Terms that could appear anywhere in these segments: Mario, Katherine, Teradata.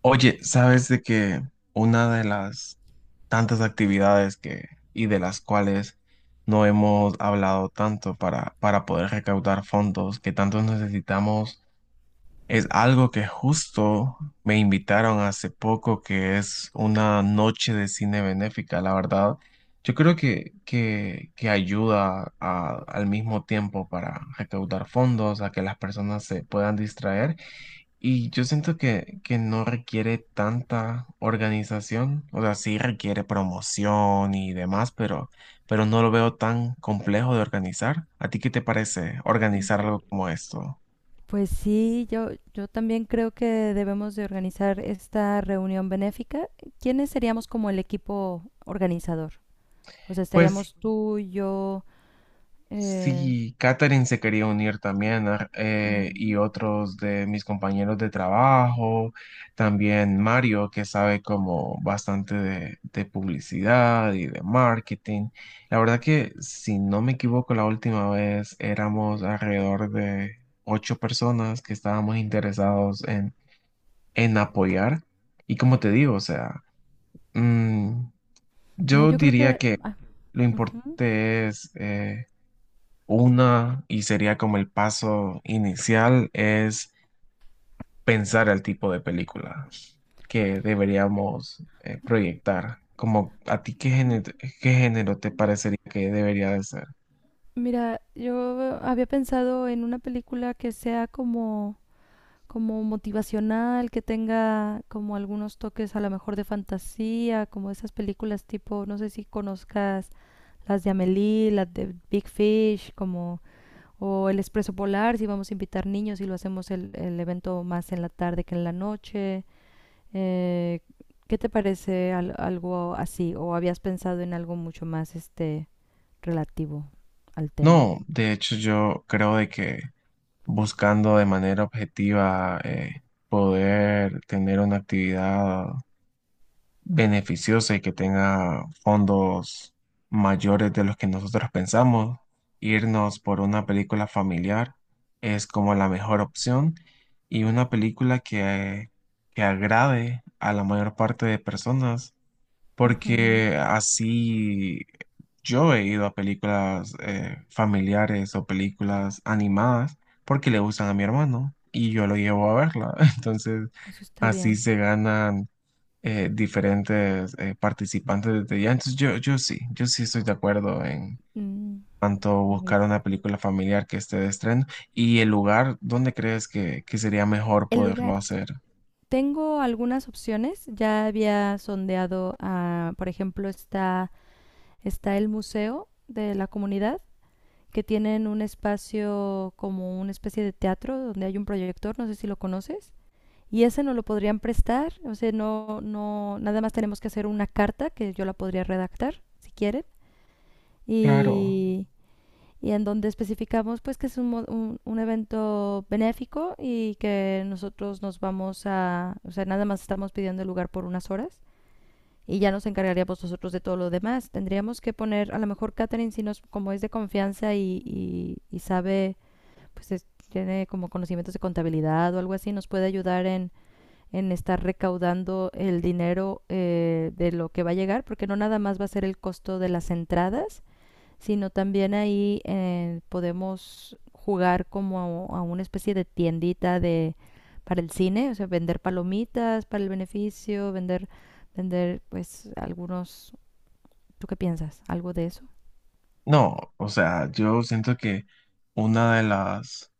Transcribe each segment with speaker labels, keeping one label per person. Speaker 1: Oye, ¿sabes de que una de las tantas actividades que y de las cuales no hemos hablado tanto para poder recaudar fondos que tanto necesitamos es algo que justo me invitaron hace poco, que es una noche de cine benéfica, la verdad. Yo creo que ayuda a- al mismo tiempo para recaudar fondos, a que las personas se puedan distraer y yo siento que no requiere tanta organización, o sea, sí requiere promoción y demás, pero no lo veo tan complejo de organizar. ¿A ti qué te parece
Speaker 2: Mm,
Speaker 1: organizar algo como esto?
Speaker 2: Pues sí, yo también creo que debemos de organizar esta reunión benéfica. ¿Quiénes seríamos como el equipo organizador? O sea,
Speaker 1: Pues
Speaker 2: estaríamos tú, yo, eh,
Speaker 1: sí, Katherine se quería unir también y
Speaker 2: mm,
Speaker 1: otros de mis compañeros de trabajo, también Mario, que sabe como bastante de publicidad y de marketing. La verdad que, si no me equivoco, la última vez éramos alrededor de ocho personas que estábamos interesados en apoyar. Y como te digo, o sea, mm,
Speaker 2: no,
Speaker 1: yo
Speaker 2: yo creo
Speaker 1: diría
Speaker 2: que,
Speaker 1: que lo
Speaker 2: ajá.
Speaker 1: importante es... una, y sería como el paso inicial, es pensar el tipo de película que deberíamos proyectar. Como a ti, ¿qué género te parecería que debería de ser?
Speaker 2: Mira, yo había pensado en una película que sea como, como motivacional, que tenga como algunos toques a lo mejor de fantasía, como esas películas tipo, no sé si conozcas las de Amélie, las de Big Fish, como, o El Expreso Polar, si vamos a invitar niños y lo hacemos el evento más en la tarde que en la noche. Eh, ¿Qué te parece algo así? ¿O habías pensado en algo mucho más este relativo al tema?
Speaker 1: No, de hecho yo creo de que buscando de manera objetiva poder tener una actividad beneficiosa y que tenga fondos mayores de los que nosotros pensamos. Irnos por una película familiar es como la mejor opción y una película que agrade a la mayor parte de personas,
Speaker 2: Ujú.
Speaker 1: porque así yo he ido a películas familiares o películas animadas porque le gustan a mi hermano y yo lo llevo a verla. Entonces,
Speaker 2: Eso está
Speaker 1: así
Speaker 2: bien.
Speaker 1: se ganan diferentes participantes de ya. Entonces yo sí estoy de acuerdo en
Speaker 2: Mm,
Speaker 1: tanto
Speaker 2: muy
Speaker 1: buscar
Speaker 2: bien.
Speaker 1: una película familiar que esté de estreno y el lugar donde crees que sería mejor
Speaker 2: El
Speaker 1: poderlo
Speaker 2: lugar.
Speaker 1: hacer.
Speaker 2: Tengo algunas opciones. Ya había sondeado, a, por ejemplo, está el museo de la comunidad, que tienen un espacio como una especie de teatro donde hay un proyector, no sé si lo conoces. Y ese no lo podrían prestar, o sea, no, no, nada más tenemos que hacer una carta que yo la podría redactar, si quieren.
Speaker 1: Claro.
Speaker 2: Y y en donde especificamos pues que es un evento benéfico y que nosotros nos vamos a, o sea, nada más estamos pidiendo el lugar por unas horas y ya nos encargaríamos nosotros de todo lo demás. Tendríamos que poner, a lo mejor Catherine, si nos, como es de confianza y, y sabe, pues tiene como conocimientos de contabilidad o algo así, nos puede ayudar en estar recaudando el dinero de lo que va a llegar, porque no nada más va a ser el costo de las entradas, sino también ahí podemos jugar como a, una especie de tiendita de para el cine, o sea, vender palomitas para el beneficio, vender pues algunos, ¿tú qué piensas? ¿Algo de eso?
Speaker 1: No, o sea, yo siento que una de las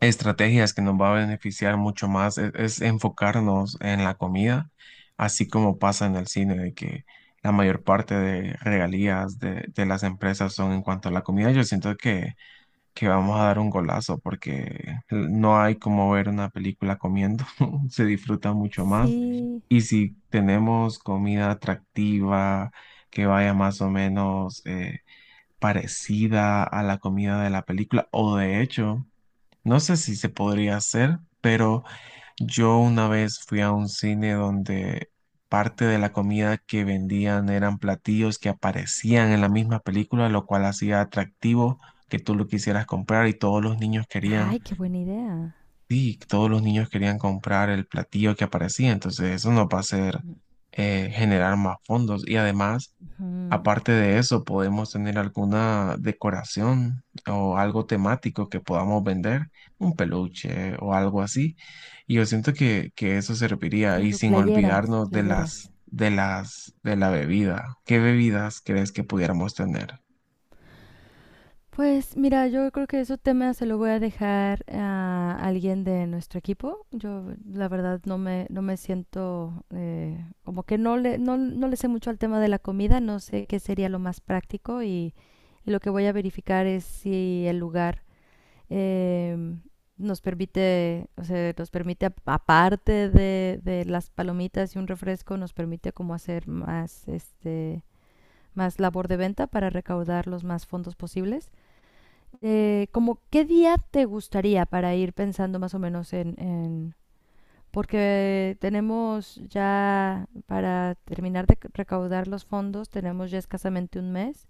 Speaker 1: estrategias que nos va a beneficiar mucho más es enfocarnos en la comida, así como pasa en el cine, de que la mayor parte de regalías de las empresas son en cuanto a la comida. Yo siento que vamos a dar un golazo porque no hay como ver una película comiendo, se disfruta mucho más.
Speaker 2: Sí.
Speaker 1: Y si tenemos comida atractiva, que vaya más o menos parecida a la comida de la película, o de hecho, no sé si se podría hacer, pero yo una vez fui a un cine donde parte de la comida que vendían eran platillos que aparecían en la misma película, lo cual hacía atractivo que tú lo quisieras comprar y todos los niños querían,
Speaker 2: Ay, qué buena idea.
Speaker 1: sí, todos los niños querían comprar el platillo que aparecía, entonces eso nos va a hacer generar más fondos y además
Speaker 2: Ujú.
Speaker 1: aparte de eso, podemos tener alguna decoración o algo temático que podamos vender, un peluche o algo así. Y yo siento que eso serviría. Y
Speaker 2: Claro,
Speaker 1: sin
Speaker 2: playeras,
Speaker 1: olvidarnos de
Speaker 2: playeras.
Speaker 1: de la bebida. ¿Qué bebidas crees que pudiéramos tener?
Speaker 2: Pues mira, yo creo que ese tema se lo voy a dejar a alguien de nuestro equipo. Yo la verdad no me siento como que no le, no le sé mucho al tema de la comida, no sé qué sería lo más práctico y lo que voy a verificar es si el lugar em, nos permite, o sea, nos permite aparte de las palomitas y un refresco, nos permite como hacer más, este, más labor de venta para recaudar los más fondos posibles. ¿Como qué día te gustaría para ir pensando más o menos en, porque tenemos ya, para terminar de recaudar los fondos, tenemos ya escasamente 1 mes?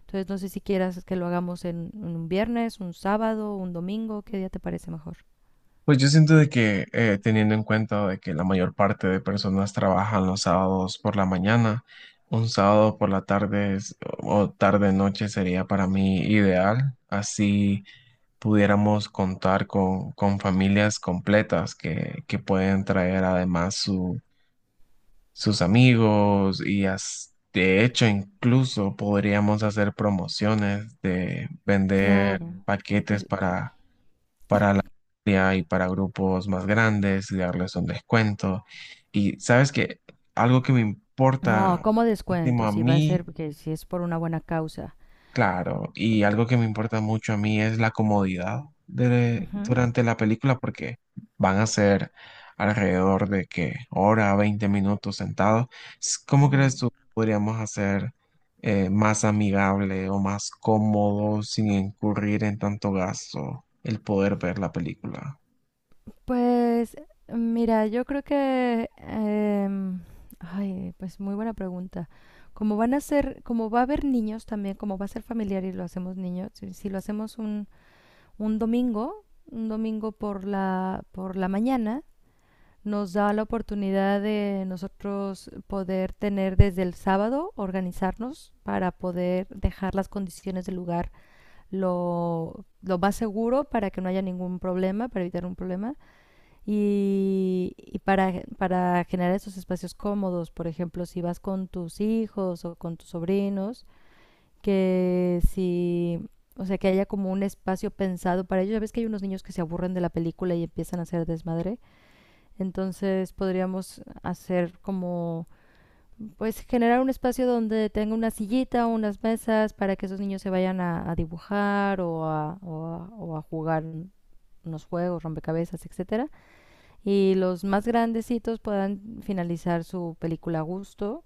Speaker 2: Entonces no sé si quieras que lo hagamos en un viernes, un sábado, un domingo, ¿qué día te parece mejor?
Speaker 1: Pues yo siento de que teniendo en cuenta de que la mayor parte de personas trabajan los sábados por la mañana, un sábado por la tarde es- o tarde noche sería para mí ideal. Así pudiéramos contar con familias completas que pueden traer además su- sus amigos y as- de hecho incluso podríamos hacer promociones de vender
Speaker 2: Claro.
Speaker 1: paquetes
Speaker 2: Así,
Speaker 1: para día y para grupos más grandes y darles un descuento. Y sabes que algo que me
Speaker 2: no,
Speaker 1: importa
Speaker 2: ¿cómo
Speaker 1: muchísimo
Speaker 2: descuento?
Speaker 1: a
Speaker 2: Si va a ser,
Speaker 1: mí
Speaker 2: porque si es por una buena causa.
Speaker 1: claro, y algo que me importa mucho a mí es la comodidad de,
Speaker 2: Ujú,
Speaker 1: durante la película porque van a ser alrededor de que hora, 20 minutos sentados. S- ¿Cómo
Speaker 2: ujú.
Speaker 1: crees tú podríamos hacer más amigable o más cómodo sin incurrir en tanto gasto el poder ver la película?
Speaker 2: Pues mira, yo creo que, ay, pues muy buena pregunta. Como van a ser, como va a haber niños también, como va a ser familiar y lo hacemos niños, si, si lo hacemos un domingo por la mañana, nos da la oportunidad de nosotros poder tener desde el sábado, organizarnos para poder dejar las condiciones del lugar lo más seguro para que no haya ningún problema, para evitar un problema y para generar esos espacios cómodos, por ejemplo, si vas con tus hijos o con tus sobrinos, que si, o sea, que haya como un espacio pensado para ellos. Ya ves que hay unos niños que se aburren de la película y empiezan a hacer desmadre. Entonces podríamos hacer como, pues generar un espacio donde tenga una sillita o unas mesas para que esos niños se vayan a dibujar o a, o a jugar unos juegos, rompecabezas, etcétera y los más grandecitos puedan finalizar su película a gusto.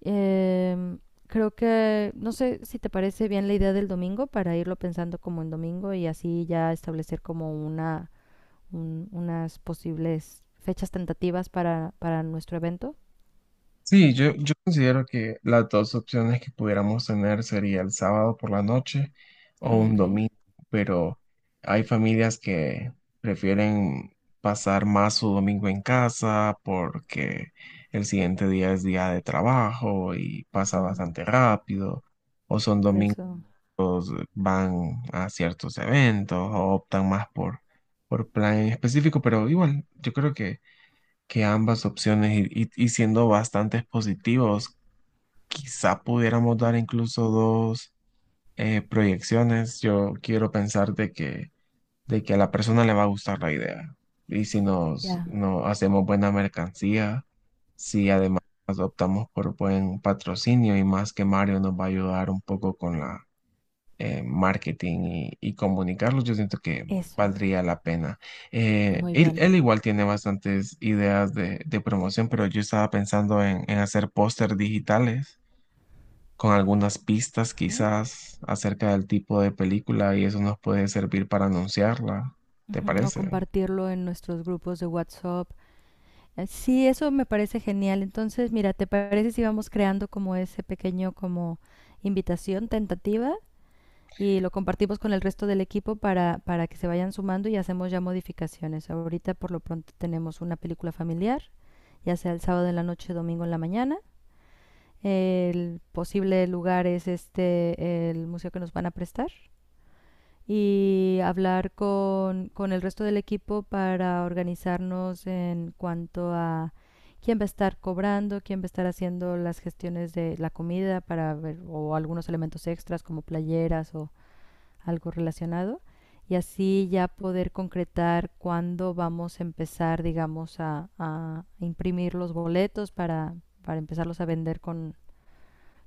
Speaker 2: Eh, Creo que, no sé si te parece bien la idea del domingo para irlo pensando como en domingo y así ya establecer como unas posibles fechas tentativas para nuestro evento.
Speaker 1: Sí, yo considero que las dos opciones que pudiéramos tener sería el sábado por la noche o
Speaker 2: Mm,
Speaker 1: un
Speaker 2: Ok.
Speaker 1: domingo, pero hay familias que prefieren pasar más su domingo en casa porque el siguiente día es día de trabajo y pasa
Speaker 2: Ujú.
Speaker 1: bastante rápido, o son
Speaker 2: Por
Speaker 1: domingos
Speaker 2: eso,
Speaker 1: que van a ciertos eventos o optan más por plan en específico, pero igual, yo creo que ambas opciones y siendo bastante positivos quizá pudiéramos dar incluso dos proyecciones. Yo quiero pensar de que a la persona le va a gustar la idea. Y si nos,
Speaker 2: ya,
Speaker 1: no hacemos buena mercancía, si además optamos por buen patrocinio y más que Mario nos va a ayudar un poco con la marketing y comunicarlos, yo siento que
Speaker 2: eso.
Speaker 1: valdría la pena.
Speaker 2: Muy
Speaker 1: Él,
Speaker 2: bien.
Speaker 1: él igual tiene bastantes ideas de promoción, pero yo estaba pensando en hacer póster digitales con algunas pistas
Speaker 2: Ujú.
Speaker 1: quizás acerca del tipo de película y eso nos puede servir para anunciarla. ¿Te
Speaker 2: Ujú, o
Speaker 1: parece?
Speaker 2: compartirlo en nuestros grupos de WhatsApp. Sí, eso me parece genial. Entonces, mira, ¿te parece si vamos creando como ese pequeño como invitación tentativa y lo compartimos con el resto del equipo para que se vayan sumando y hacemos ya modificaciones? Ahorita por lo pronto tenemos una película familiar, ya sea el sábado en la noche, domingo en la mañana. El posible lugar es este, el museo que nos van a prestar y hablar con el resto del equipo para organizarnos en cuanto a quién va a estar cobrando, quién va a estar haciendo las gestiones de la comida para ver o algunos elementos extras como playeras o algo relacionado y así ya poder concretar cuándo vamos a empezar, digamos, a imprimir los boletos para empezarlos a vender con,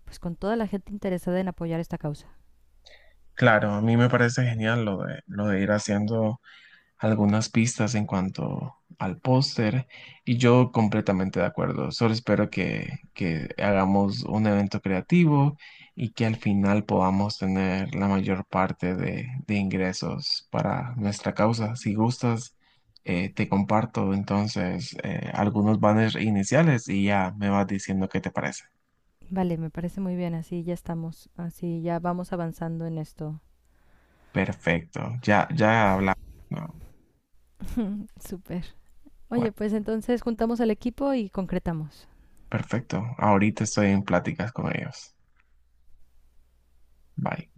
Speaker 2: pues, con toda la gente interesada en apoyar esta causa.
Speaker 1: Claro, a mí me parece genial lo de ir haciendo algunas pistas en cuanto al póster y yo completamente de acuerdo. Solo espero que hagamos un evento creativo y que al final podamos tener la mayor parte de ingresos para nuestra causa. Si gustas, te comparto entonces algunos banners iniciales y ya me vas diciendo qué te parece.
Speaker 2: Vale, me parece muy bien, así ya estamos, así ya vamos avanzando en esto.
Speaker 1: Perfecto, ya hablamos. ¿No?
Speaker 2: Súper. Oye,
Speaker 1: Bueno,
Speaker 2: pues entonces juntamos al equipo y concretamos.
Speaker 1: perfecto. Ahorita estoy en pláticas con ellos. Bye.